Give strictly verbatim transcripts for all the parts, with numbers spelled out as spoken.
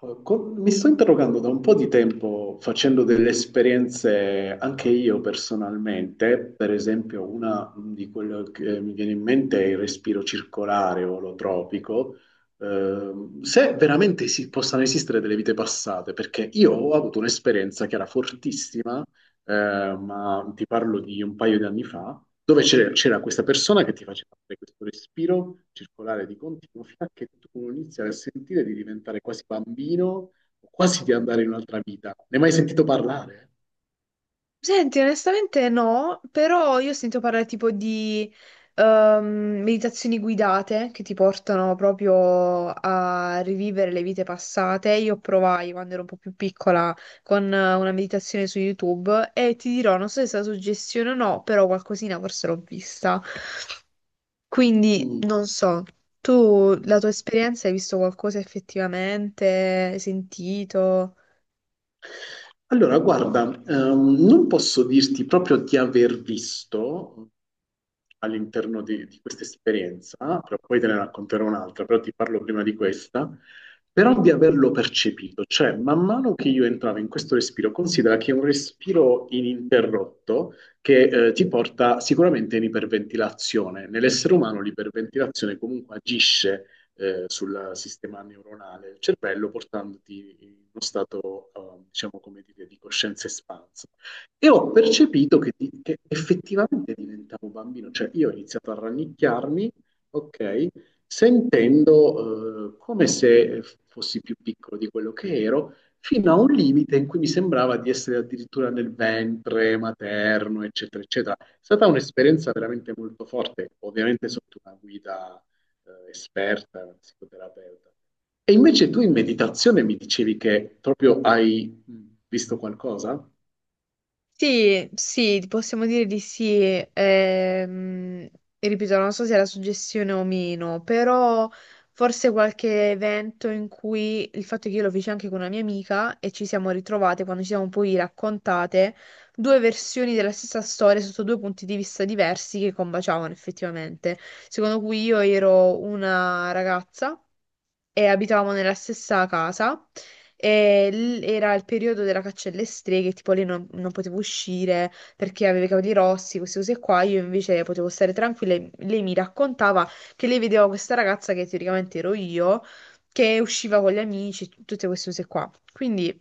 Allora, con- mi sto interrogando da un po' di tempo facendo delle esperienze anche io personalmente, per esempio una di quelle che mi viene in mente è il respiro circolare o olotropico, ehm, se veramente si- possano esistere delle vite passate, perché io ho avuto un'esperienza che era fortissima eh, ma ti parlo di un paio di anni fa, dove c'era c'era questa persona che ti faceva fare questo respiro circolare di continuo fino a che tu iniziavi a sentire di diventare quasi bambino o quasi di andare in un'altra vita. Ne hai mai sentito parlare? Senti, onestamente no, però io ho sentito parlare tipo di ehm, meditazioni guidate che ti portano proprio a rivivere le vite passate. Io provai quando ero un po' più piccola con eh, una meditazione su YouTube e ti dirò, non so se è stata suggestione o no, però qualcosina forse l'ho vista. Quindi Mm. non so, tu la Mm. tua esperienza hai visto qualcosa effettivamente, hai sentito? Allora, guarda, ehm, non posso dirti proprio di aver visto all'interno di, di questa esperienza, però poi te ne racconterò un'altra, però ti parlo prima di questa, però di averlo percepito, cioè man mano che io entravo in questo respiro, considera che è un respiro ininterrotto che eh, ti porta sicuramente in iperventilazione. Nell'essere umano l'iperventilazione comunque agisce eh, sul sistema neuronale del cervello, portandoti in uno stato, eh, diciamo, come dire, di coscienza espansa. E ho percepito che, di- che effettivamente diventavo bambino, cioè io ho iniziato a rannicchiarmi, ok, sentendo eh, come se fossi più piccolo di quello che ero, fino a un limite in cui mi sembrava di essere addirittura nel ventre materno, eccetera, eccetera. È stata un'esperienza veramente molto forte, ovviamente sotto una guida eh, esperta, una psicoterapeuta. E invece tu in meditazione mi dicevi che proprio hai visto qualcosa? Sì, sì, possiamo dire di sì. ehm, Ripeto, non so se è la suggestione o meno, però forse qualche evento in cui il fatto è che io lo feci anche con una mia amica e ci siamo ritrovate quando ci siamo poi raccontate due versioni della stessa storia sotto due punti di vista diversi che combaciavano effettivamente. Secondo cui io ero una ragazza e abitavamo nella stessa casa e l- era il periodo della caccia alle streghe, tipo lei non, non poteva uscire perché aveva i capelli rossi, queste cose qua, io invece potevo stare tranquilla e lei mi raccontava che lei vedeva questa ragazza che teoricamente ero io, che usciva con gli amici, tut- tutte queste cose qua. Quindi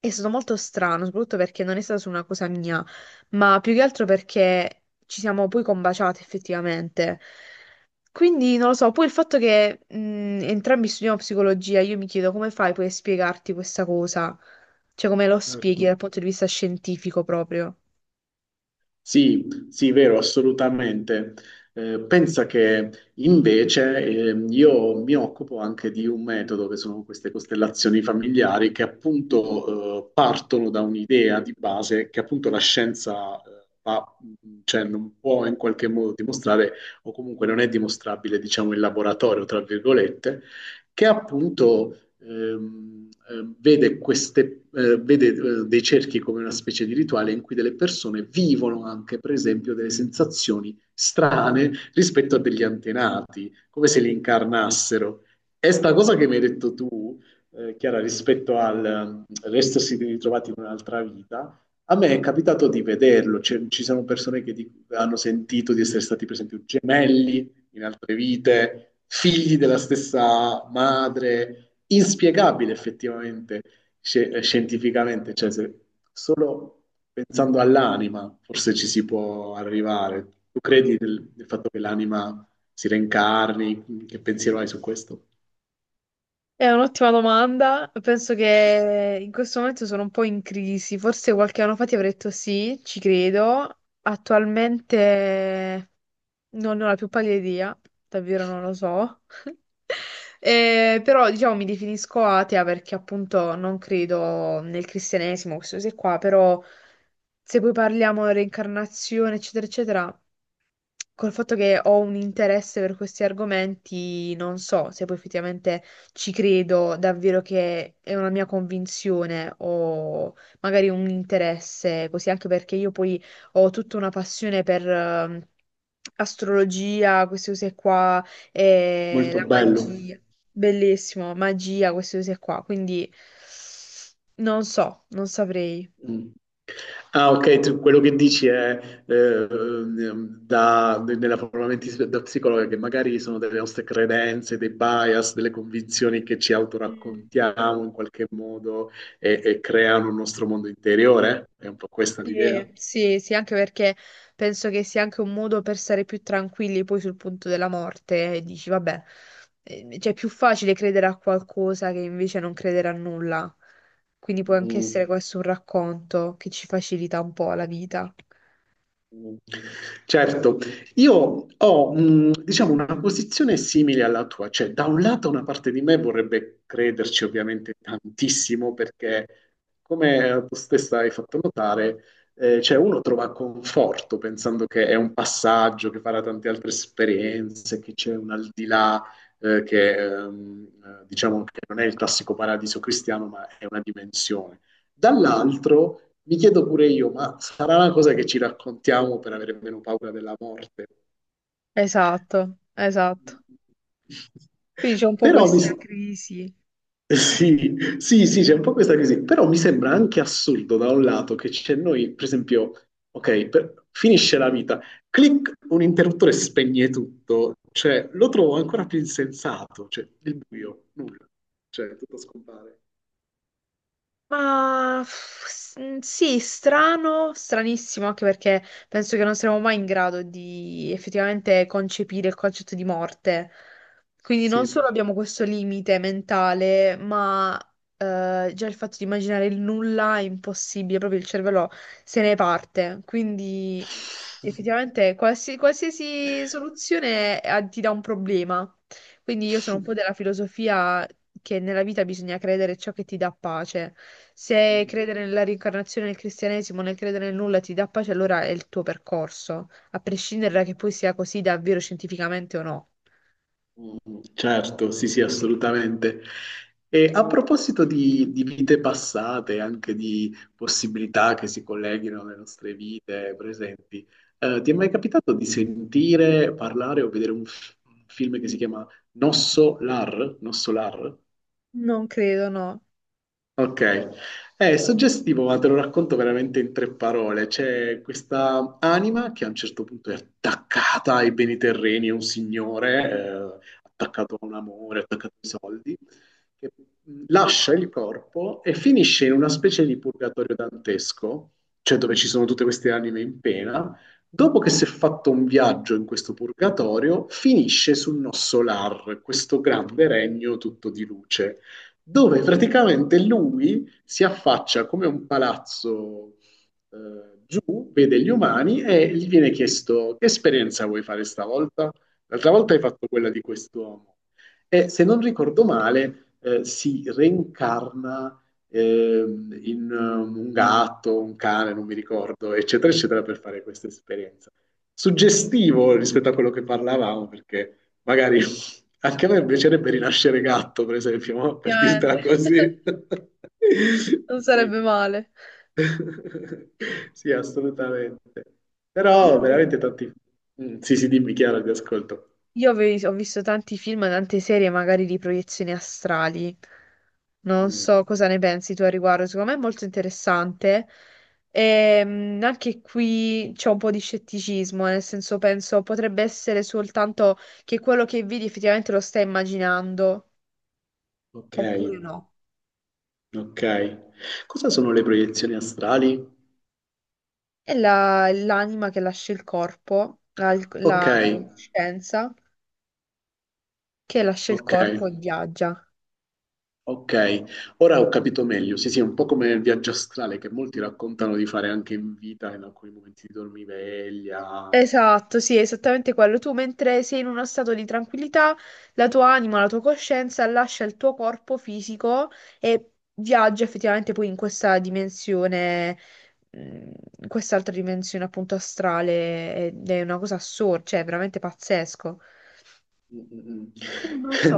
è stato molto strano, soprattutto perché non è stata su una cosa mia, ma più che altro perché ci siamo poi combaciati effettivamente. Quindi non lo so, poi il fatto che mh, entrambi studiamo psicologia, io mi chiedo come fai poi a spiegarti questa cosa? Cioè come lo spieghi Certo. dal punto di vista scientifico proprio? Sì, sì, vero, assolutamente. Eh, pensa che invece ehm, io mi occupo anche di un metodo che sono queste costellazioni familiari che appunto eh, partono da un'idea di base che appunto la scienza eh, fa- mm, cioè, non può in qualche modo dimostrare o comunque non è dimostrabile, diciamo, in laboratorio, tra virgolette, che appunto ehm, ehm, vede, queste, eh, vede eh, dei cerchi come una specie di rituale in cui delle persone vivono anche, per esempio, delle sensazioni strane rispetto a degli antenati, come se li incarnassero. E sta cosa che mi hai detto tu, eh, Chiara, rispetto al l'essersi ritrovati in un'altra vita, a me è capitato di vederlo, cioè, ci sono persone che di- hanno sentito di essere stati per esempio gemelli in altre vite, figli della stessa madre, inspiegabile effettivamente, sce- scientificamente, cioè se solo pensando all'anima forse ci si può arrivare. Tu credi nel, nel fatto che l'anima si reincarni? Che pensiero hai su questo? È un'ottima domanda, penso che in questo momento sono un po' in crisi, forse qualche anno fa ti avrei detto sì, ci credo, attualmente... Non ne ho la più pallida idea, davvero non lo so. Eh, però diciamo mi definisco atea perché appunto non credo nel cristianesimo, queste cose qua, però se poi parliamo di reincarnazione, eccetera, eccetera, col fatto che ho un interesse per questi argomenti, non so se poi effettivamente ci credo davvero che è una mia convinzione o magari un interesse, così anche perché io poi ho tutta una passione per ehm, astrologia, queste cose qua, e Molto la bello. magia. Bellissimo, magia, queste cose qua. Quindi non so, non saprei. Mm. Ah, ok, tu- quello che dici è eh, ehm, da- nella forma mentis- da psicologa che magari sono delle nostre credenze, dei bias, delle convinzioni che ci Mm. autoraccontiamo in qualche modo e, e creano un nostro mondo interiore? È un po' questa l'idea? Sì, sì, sì, anche perché penso che sia anche un modo per stare più tranquilli poi sul punto della morte e dici, vabbè, eh, cioè è più facile credere a qualcosa che invece non credere a nulla. Quindi può anche essere Mm. questo un racconto che ci facilita un po' la vita. Certo, io ho, mh, diciamo, una posizione simile alla tua, cioè da un lato una parte di me vorrebbe crederci ovviamente tantissimo perché, come tu stessa hai fatto notare, eh, cioè uno trova conforto pensando che è un passaggio, che farà tante altre esperienze, che c'è un al di là, eh, che ehm, eh, diciamo che non è il classico paradiso cristiano, ma è una dimensione. Dall'altro mi chiedo pure io, ma sarà una cosa che ci raccontiamo per avere meno paura della morte. Esatto, esatto. Quindi c'è un po' Però mi... questa s- crisi. sì, sì, sì, c'è un po' questa crisi, però mi sembra anche assurdo da un lato che c'è noi, per esempio, ok, per- finisce la vita, clic, un interruttore spegne tutto, cioè lo trovo ancora più insensato, cioè il buio, nulla, cioè tutto scompare. Ma pff, s- sì, strano, stranissimo, anche perché penso che non saremo mai in grado di effettivamente concepire il concetto di morte. Quindi non Sì. solo abbiamo questo limite mentale, ma eh, già il fatto di immaginare il nulla è impossibile, proprio il cervello se ne parte. Quindi effettivamente qualsi- qualsiasi soluzione eh, ti dà un problema. Quindi io sono un po' della filosofia che nella vita bisogna credere ciò che ti dà pace. Se credere nella reincarnazione nel cristianesimo, nel credere nel nulla ti dà pace, allora è il tuo percorso, a prescindere da che poi sia così davvero scientificamente o no. Mm, certo, sì, sì, assolutamente. E a proposito di, di vite passate, anche di possibilità che si colleghino alle nostre vite presenti, eh, ti è mai capitato di sentire, parlare o vedere un, f- un film che si chiama Nosso Lar? Nosso Lar? Non credo, no. Ok, è suggestivo, ma te lo racconto veramente in tre parole. C'è questa anima che a un certo punto è attaccata ai beni terreni, è un signore, eh, attaccato a un amore, attaccato ai soldi, che mh, lascia il corpo e finisce in una specie di purgatorio dantesco, cioè dove Mm. ci sono tutte queste anime in pena. Dopo che si è fatto un viaggio in questo purgatorio, finisce sul Nossolar, questo grande regno tutto di luce dove praticamente lui si affaccia come un palazzo eh, giù, vede gli umani e gli viene chiesto che esperienza vuoi fare stavolta? L'altra volta hai fatto quella di quest'uomo. E se non ricordo male, eh, si reincarna ehm, in ehm, un gatto, un cane, non mi ricordo, eccetera, eccetera, per fare questa esperienza. Suggestivo rispetto a quello che parlavamo, perché magari anche a me piacerebbe rinascere gatto, per esempio, ma per Ovviamente. dirtela così. Non Sì. sarebbe male. Sì, assolutamente. Io Però vedo. veramente tanti... Mm, sì, sì, dimmi chiaro, ti ascolto. Io avevi- ho visto tanti film, tante serie magari di proiezioni astrali. Non Mm, so cosa ne pensi tu a riguardo, secondo me è molto interessante. Ehm, anche qui c'è un po' di scetticismo, nel senso penso potrebbe essere soltanto che quello che vedi effettivamente lo stai immaginando ok, oppure no. ok. Cosa sono le proiezioni astrali? È la- l'anima che lascia il corpo, la, Ok, la la coscienza che lascia il ok, corpo e viaggia. ok. Ora ho capito meglio. Sì, sì, è un po' come il viaggio astrale che molti raccontano di fare anche in vita, in alcuni momenti di dormiveglia. Esatto, sì, è esattamente quello. Tu mentre sei in uno stato di tranquillità, la tua anima, la tua coscienza lascia il tuo corpo fisico e viaggia effettivamente poi in questa dimensione, mh, in quest'altra dimensione appunto astrale ed è una cosa assurda, cioè è veramente pazzesco. Mm, Come mm. non so,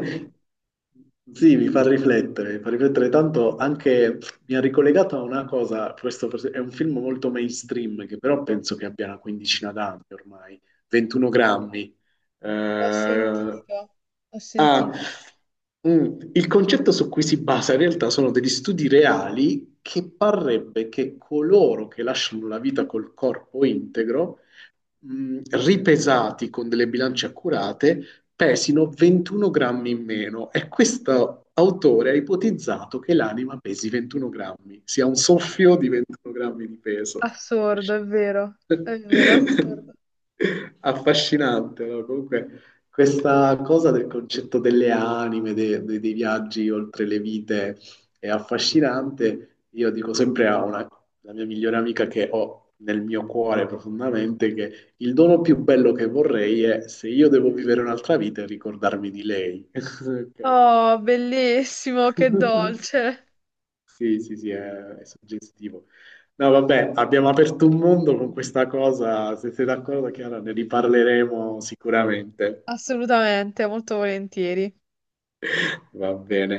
Sì, mi fa riflettere, mi fa riflettere tanto anche, mi ha ricollegato a una cosa, questo forse- è un film molto mainstream che però penso che abbia una quindicina d'anni ormai, ventuno grammi. l'ho Eh, sentito, l'ho ah, sentito. mm, il concetto su cui si basa in realtà sono degli studi reali che parrebbe che coloro che lasciano la vita col corpo integro mh, ripesati con delle bilance accurate, pesino ventuno grammi in meno e questo autore ha ipotizzato che l'anima pesi ventuno grammi, sia un soffio di ventuno grammi di peso. Assurdo, è vero, è vero, assurdo. Affascinante, no? Comunque questa cosa del concetto delle anime, de- de- dei viaggi oltre le vite è affascinante. Io dico sempre a una, la mia migliore amica che ho nel mio cuore profondamente che il dono più bello che vorrei è, se io devo vivere un'altra vita, ricordarmi di lei. Ok. Oh, bellissimo, che dolce. Sì, sì, sì, è, è suggestivo. No, vabbè, abbiamo aperto un mondo con questa cosa. Se sei d'accordo, Chiara, ne riparleremo sicuramente. Assolutamente, molto volentieri. Va bene.